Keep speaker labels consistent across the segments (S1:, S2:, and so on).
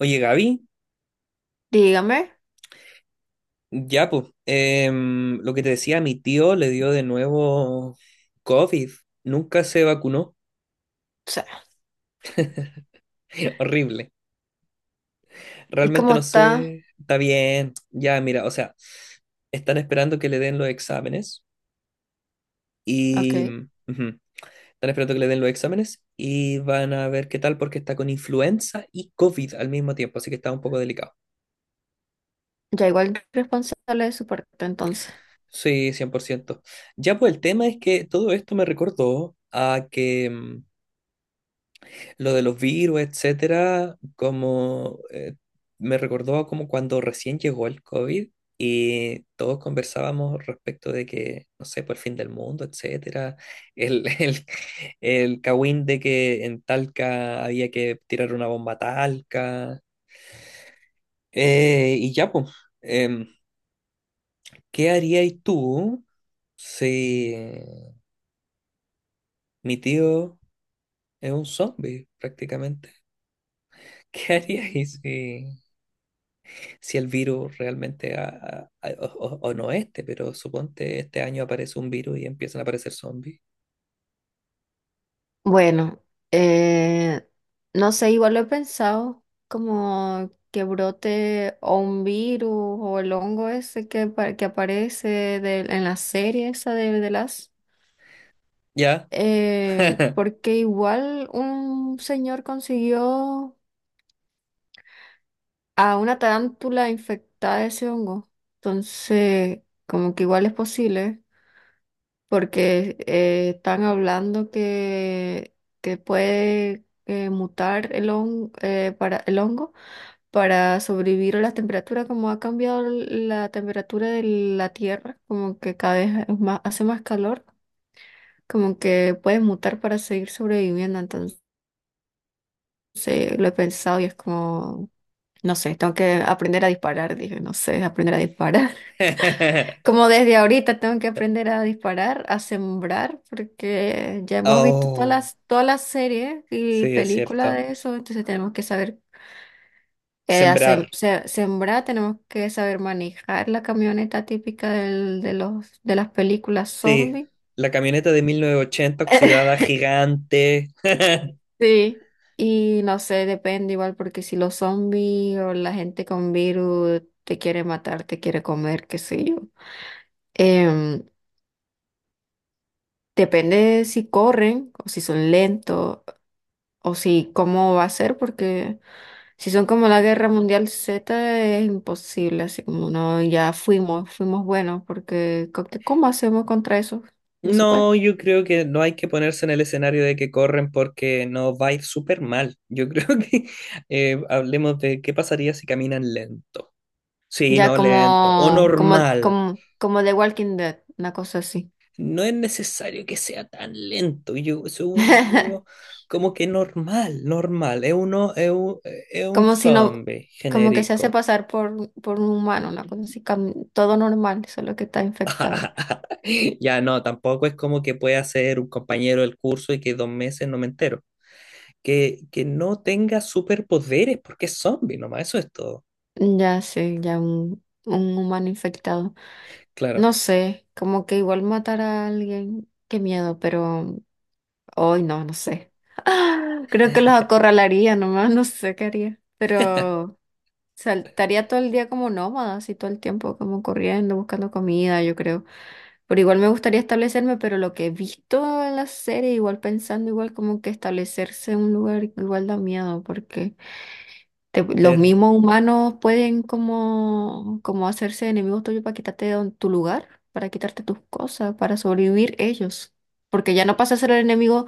S1: Oye, Gaby,
S2: Dígame.
S1: ya pues, lo que te decía, mi tío le dio de nuevo COVID, nunca se vacunó.
S2: O sea,
S1: Horrible,
S2: ¿y
S1: realmente
S2: cómo
S1: no
S2: está?
S1: sé, está bien, ya mira, o sea, están esperando que le den los exámenes
S2: Ok,
S1: y... ujú. Están esperando que le den los exámenes y van a ver qué tal porque está con influenza y COVID al mismo tiempo, así que está un poco delicado.
S2: ya igual responsable de su parte entonces.
S1: Sí, 100%. Ya pues el tema es que todo esto me recordó a que. Lo de los virus, etcétera, como me recordó como cuando recién llegó el COVID y todos conversábamos respecto de que, no sé, por el fin del mundo, etcétera, el, el, el cagüín de que en Talca había que tirar una bomba a Talca. Y ya, pues, em, ¿qué harías tú si mi tío es un zombie prácticamente? ¿Qué harías si si el virus realmente o no este, pero suponte este año aparece un virus y empiezan a aparecer zombies?
S2: Bueno, eh, no sé, igual lo he pensado, como que brote o un virus o el hongo ese que, pa- que aparece del- en la serie esa de las...
S1: ¿Ya?
S2: porque igual un señor consiguió a una tarántula infectada de ese hongo, entonces como que igual es posible. Porque están hablando que puede mutar el, hon- para, el hongo para sobrevivir a las temperaturas, como ha cambiado la temperatura de la Tierra, como que cada vez es más, hace más calor, como que puede mutar para seguir sobreviviendo. Entonces lo he pensado y es como, no sé, tengo que aprender a disparar, dije, no sé, aprender a disparar. Como desde ahorita tengo que aprender a disparar, a sembrar, porque ya hemos visto
S1: Oh,
S2: todas las series y
S1: sí, es
S2: películas
S1: cierto.
S2: de eso, entonces tenemos que saber hacer-
S1: Sembrar.
S2: se- sembrar, tenemos que saber manejar la camioneta típica del- de los, de las películas
S1: Sí.
S2: zombie.
S1: La camioneta de 1980 oxidada gigante.
S2: Sí, y no sé, depende igual, porque si los zombies o la gente con virus te quiere matar, te quiere comer, qué sé yo. Em, Depende de si corren o si son lentos. O si, ¿cómo va a ser? Porque si son como la Guerra Mundial Z es imposible, así como no, ya fuimos, fuimos buenos, porque co- que- ¿cómo hacemos contra eso? No se puede.
S1: No, yo creo que no hay que ponerse en el escenario de que corren porque no va a ir súper mal. Yo creo que hablemos de qué pasaría si caminan lento. Sí,
S2: Ya
S1: no lento. O normal.
S2: como The Walking Dead, una cosa así.
S1: No es necesario que sea tan lento. Yo, según yo, como que normal, normal. Es un
S2: Como si no,
S1: zombie
S2: como que se hace
S1: genérico.
S2: pasar por un humano, una cosa así, cam- todo normal, solo que está infectado.
S1: Ya no, tampoco es como que pueda ser un compañero del curso y que dos meses no me entero. Que no tenga superpoderes porque es zombie nomás, eso es todo.
S2: Ya sí, ya un humano infectado.
S1: Claro.
S2: No sé, como que igual matar a alguien, qué miedo, pero hoy no, no sé. Creo que los acorralaría nomás, no sé qué haría, pero saltaría todo el día como nómada, así todo el tiempo, como corriendo, buscando comida, yo creo. Pero igual me gustaría establecerme, pero lo que he visto en la serie, igual pensando, igual como que establecerse en un lugar igual da miedo, porque te- los
S1: ter-
S2: mismos humanos pueden como, como hacerse enemigos tuyos para quitarte de don- tu lugar, para quitarte tus cosas, para sobrevivir ellos. Porque ya no pasa a ser el enemigo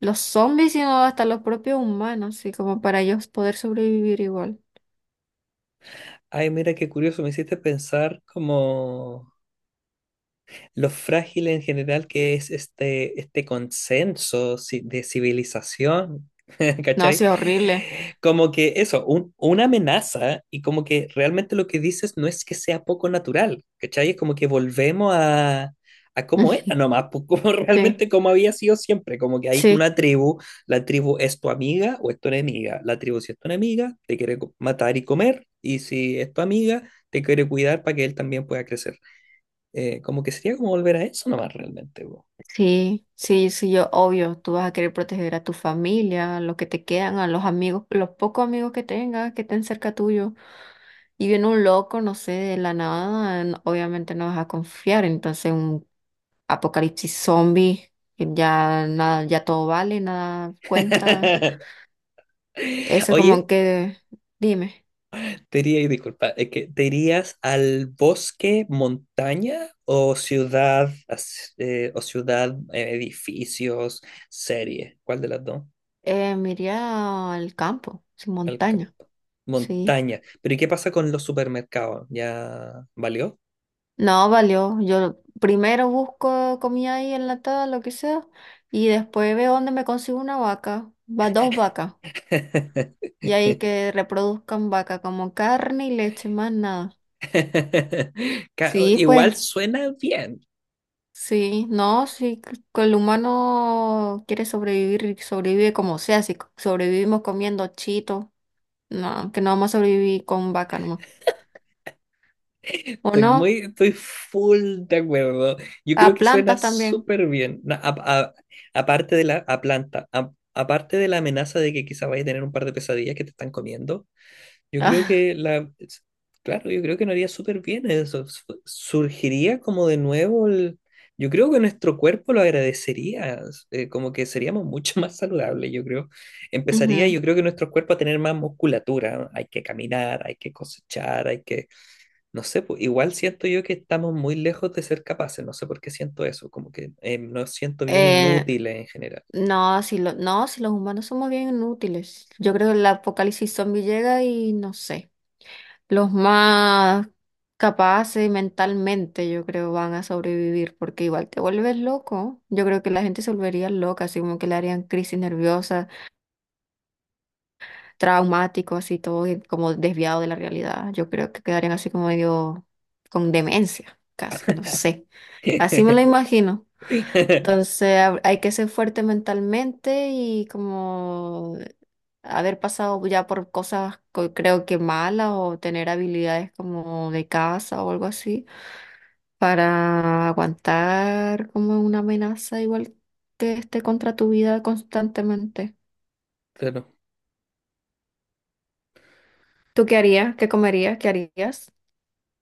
S2: los zombies, sino hasta los propios humanos, así como para ellos poder sobrevivir igual.
S1: Ay, mira qué curioso, me hiciste pensar como lo frágil en general que es este consenso de civilización,
S2: No,
S1: ¿cachai?
S2: sí, horrible.
S1: Como que eso, una amenaza y como que realmente lo que dices no es que sea poco natural, ¿cachai? Es como que volvemos a cómo era nomás, pues, como realmente
S2: Sí,
S1: como había sido siempre, como que hay
S2: sí,
S1: una tribu, la tribu es tu amiga o es tu enemiga, la tribu si es tu enemiga te quiere matar y comer, y si es tu amiga te quiere cuidar para que él también pueda crecer. Como que sería como volver a eso nomás realmente, po.
S2: sí, sí, sí, yo, obvio, tú vas a querer proteger a tu familia, a los que te quedan, a los amigos, los pocos amigos que tengas, que estén cerca tuyo. Y viene un loco, no sé, de la nada, n- obviamente no vas a confiar. Entonces, un apocalipsis zombie, que ya nada, ya todo vale, nada cuenta. Eso
S1: Oye,
S2: como que, dime,
S1: te diría, disculpa, es que ¿te irías al bosque, montaña o ciudad, o ciudad, edificios, serie? ¿Cuál de las dos?
S2: me iría al campo, sin
S1: Al ca-
S2: montaña, sí.
S1: Montaña. Pero ¿y qué pasa con los supermercados? ¿Ya valió?
S2: No, valió. Yo primero busco comida ahí enlatada, lo que sea, y después veo dónde me consigo una vaca, va dos vacas, y ahí que reproduzcan vaca como carne y leche, más nada. Sí,
S1: Igual
S2: pues.
S1: suena bien.
S2: Sí, no, sí, c- que el humano quiere sobrevivir y sobrevive como sea, si c- sobrevivimos comiendo chito, no, que no vamos a sobrevivir con vaca nomás. ¿O
S1: Estoy
S2: no?
S1: estoy full de acuerdo. Yo creo
S2: A
S1: que suena
S2: plantas también.
S1: súper bien. Aparte de la a planta, aparte de la amenaza de que quizá vaya a tener un par de pesadillas que te están comiendo, yo creo que claro, yo creo que no haría súper bien eso. Surgiría como de nuevo yo creo que nuestro cuerpo lo agradecería. Como que seríamos mucho más saludables, yo creo. Empezaría,
S2: Ujú.
S1: yo creo que nuestro cuerpo a tener más musculatura, ¿no? Hay que caminar, hay que cosechar, hay que no sé, pues, igual siento yo que estamos muy lejos de ser capaces, no sé por qué siento eso, como que nos siento bien
S2: Eh,
S1: inútiles en general.
S2: No, si los humanos somos bien inútiles. Yo creo que el apocalipsis zombie llega y no sé. Los más capaces mentalmente, yo creo, van a sobrevivir porque igual te vuelves loco. Yo creo que la gente se volvería loca, así como que le harían crisis nerviosas, traumático, así todo y como desviado de la realidad. Yo creo que quedarían así como medio con demencia, casi, no sé. Así me lo imagino. Entonces hab- hay que ser fuerte mentalmente y como haber pasado ya por cosas co- creo que malas o tener habilidades como de caza o algo así para aguantar como una amenaza igual que esté contra tu vida constantemente.
S1: Pero,
S2: ¿Tú qué harías? ¿Qué comerías? ¿Qué harías?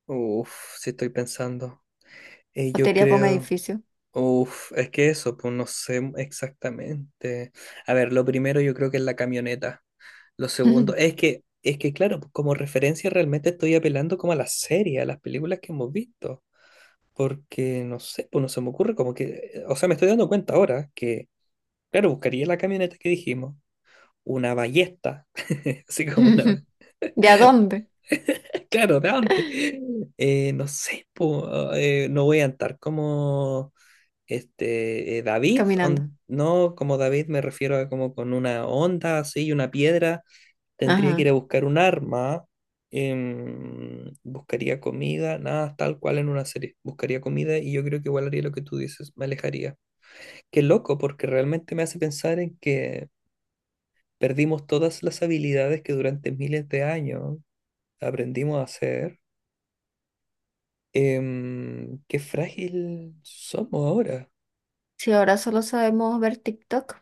S1: uff, si estoy pensando.
S2: ¿O te
S1: Yo
S2: irías por un
S1: creo,
S2: edificio?
S1: uff, es que eso, pues no sé exactamente. A ver, lo primero yo creo que es la camioneta. Lo segundo, es que claro, pues, como referencia realmente estoy apelando como a las series, a las películas que hemos visto. Porque, no sé, pues no se me ocurre como que, o sea, me estoy dando cuenta ahora que claro, buscaría la camioneta que dijimos, una ballesta, así como una...
S2: ¿De a dónde?
S1: Claro, de antes. No sé, po, no voy a andar como David,
S2: Caminando.
S1: no, como David me refiero a como con una onda así y una piedra. Tendría que
S2: Ajá.
S1: ir a buscar un arma, buscaría comida, nada, tal cual en una serie. Buscaría comida y yo creo que igual haría lo que tú dices, me alejaría. Qué loco, porque realmente me hace pensar en que perdimos todas las habilidades que durante miles de años aprendimos a hacer. Qué frágil somos ahora.
S2: Si ahora solo sabemos ver TikTok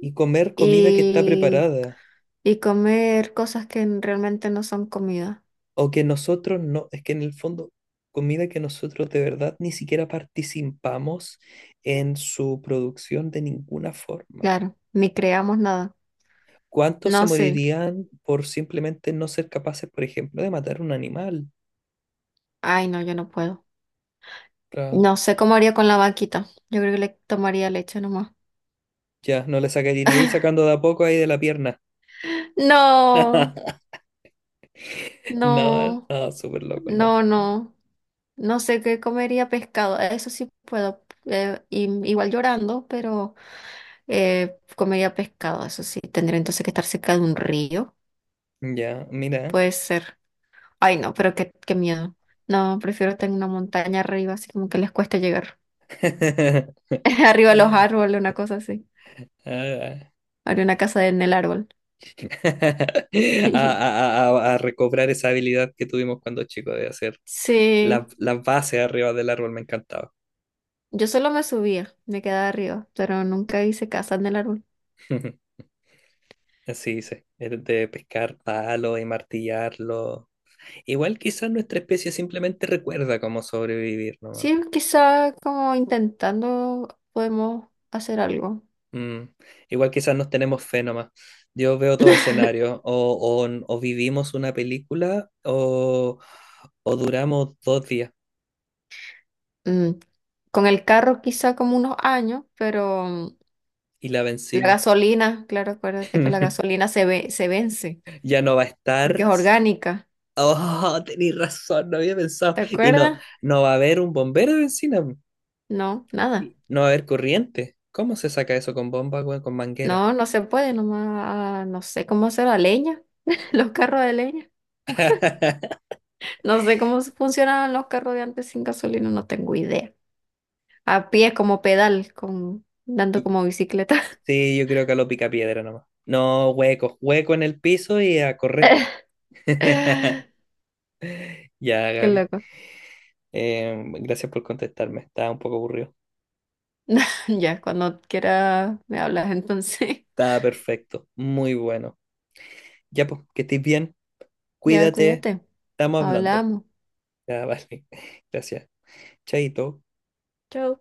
S1: Y comer comida que está
S2: y,
S1: preparada.
S2: y comer cosas que realmente no son comida.
S1: O que nosotros no, es que en el fondo, comida que nosotros de verdad ni siquiera participamos en su producción de ninguna forma.
S2: Claro, ni creamos nada.
S1: ¿Cuántos se
S2: No sé.
S1: morirían por simplemente no ser capaces, por ejemplo, de matar un animal?
S2: Ay, no, yo no puedo.
S1: Claro.
S2: No sé cómo haría con la vaquita. Yo creo que le tomaría leche nomás.
S1: Ya, no le sacaríais sacando de a poco ahí de la pierna.
S2: No,
S1: No,
S2: no,
S1: no, súper loco, no.
S2: no, no. No sé qué comería pescado. Eso sí puedo. Y- igual llorando, pero comería pescado. Eso sí. Tendría entonces que estar cerca de un río.
S1: Ya, mira.
S2: Puede ser. Ay, no, pero qué, qué miedo. No, prefiero estar en una montaña arriba, así como que les cuesta llegar. Arriba de los árboles, una cosa así.
S1: Ah,
S2: Haría una casa en el árbol.
S1: a a recobrar esa habilidad que tuvimos cuando chicos de hacer
S2: Sí.
S1: las bases arriba del árbol, me encantaba.
S2: Yo solo me subía, me quedaba arriba, pero nunca hice casa en el árbol.
S1: Así dice, el de pescar palos y martillarlo. Igual quizás nuestra especie simplemente recuerda cómo sobrevivir, ¿no?
S2: Sí, quizá como intentando podemos hacer algo.
S1: Mm, igual quizás nos tenemos fe nomás. Yo veo todo escenario. O vivimos una película o duramos dos días
S2: Mm, con el carro quizá como unos años, pero mm,
S1: y la
S2: la
S1: benzina.
S2: gasolina, claro, acuérdate que la gasolina se ve, se vence
S1: Ya no va a estar.
S2: porque es orgánica.
S1: Oh, tenéis razón, no había pensado.
S2: ¿Te
S1: Y no,
S2: acuerdas?
S1: no va a haber un bombero de benzina.
S2: No, nada.
S1: Y no va a haber corriente. ¿Cómo se saca eso con bomba, weón? Con manguera.
S2: No, no se puede, nomás ah, no sé cómo hacer la leña, los carros de leña. No sé cómo funcionaban los carros de antes sin gasolina, no tengo idea. A pie como pedal, con, dando
S1: Y-
S2: como bicicleta.
S1: Sí, yo creo que a lo pica piedra nomás. No, hueco hueco en el piso y a correr.
S2: Qué
S1: Ya, Gaby.
S2: loco.
S1: Gracias por contestarme, estaba un poco aburrido.
S2: Ya, cuando quiera me hablas entonces.
S1: Estaba perfecto, muy bueno. Ya pues, que estés bien,
S2: Ya,
S1: cuídate,
S2: cuídate.
S1: estamos hablando.
S2: Hablamos.
S1: Ya, vale, gracias. Chaito.
S2: Chau.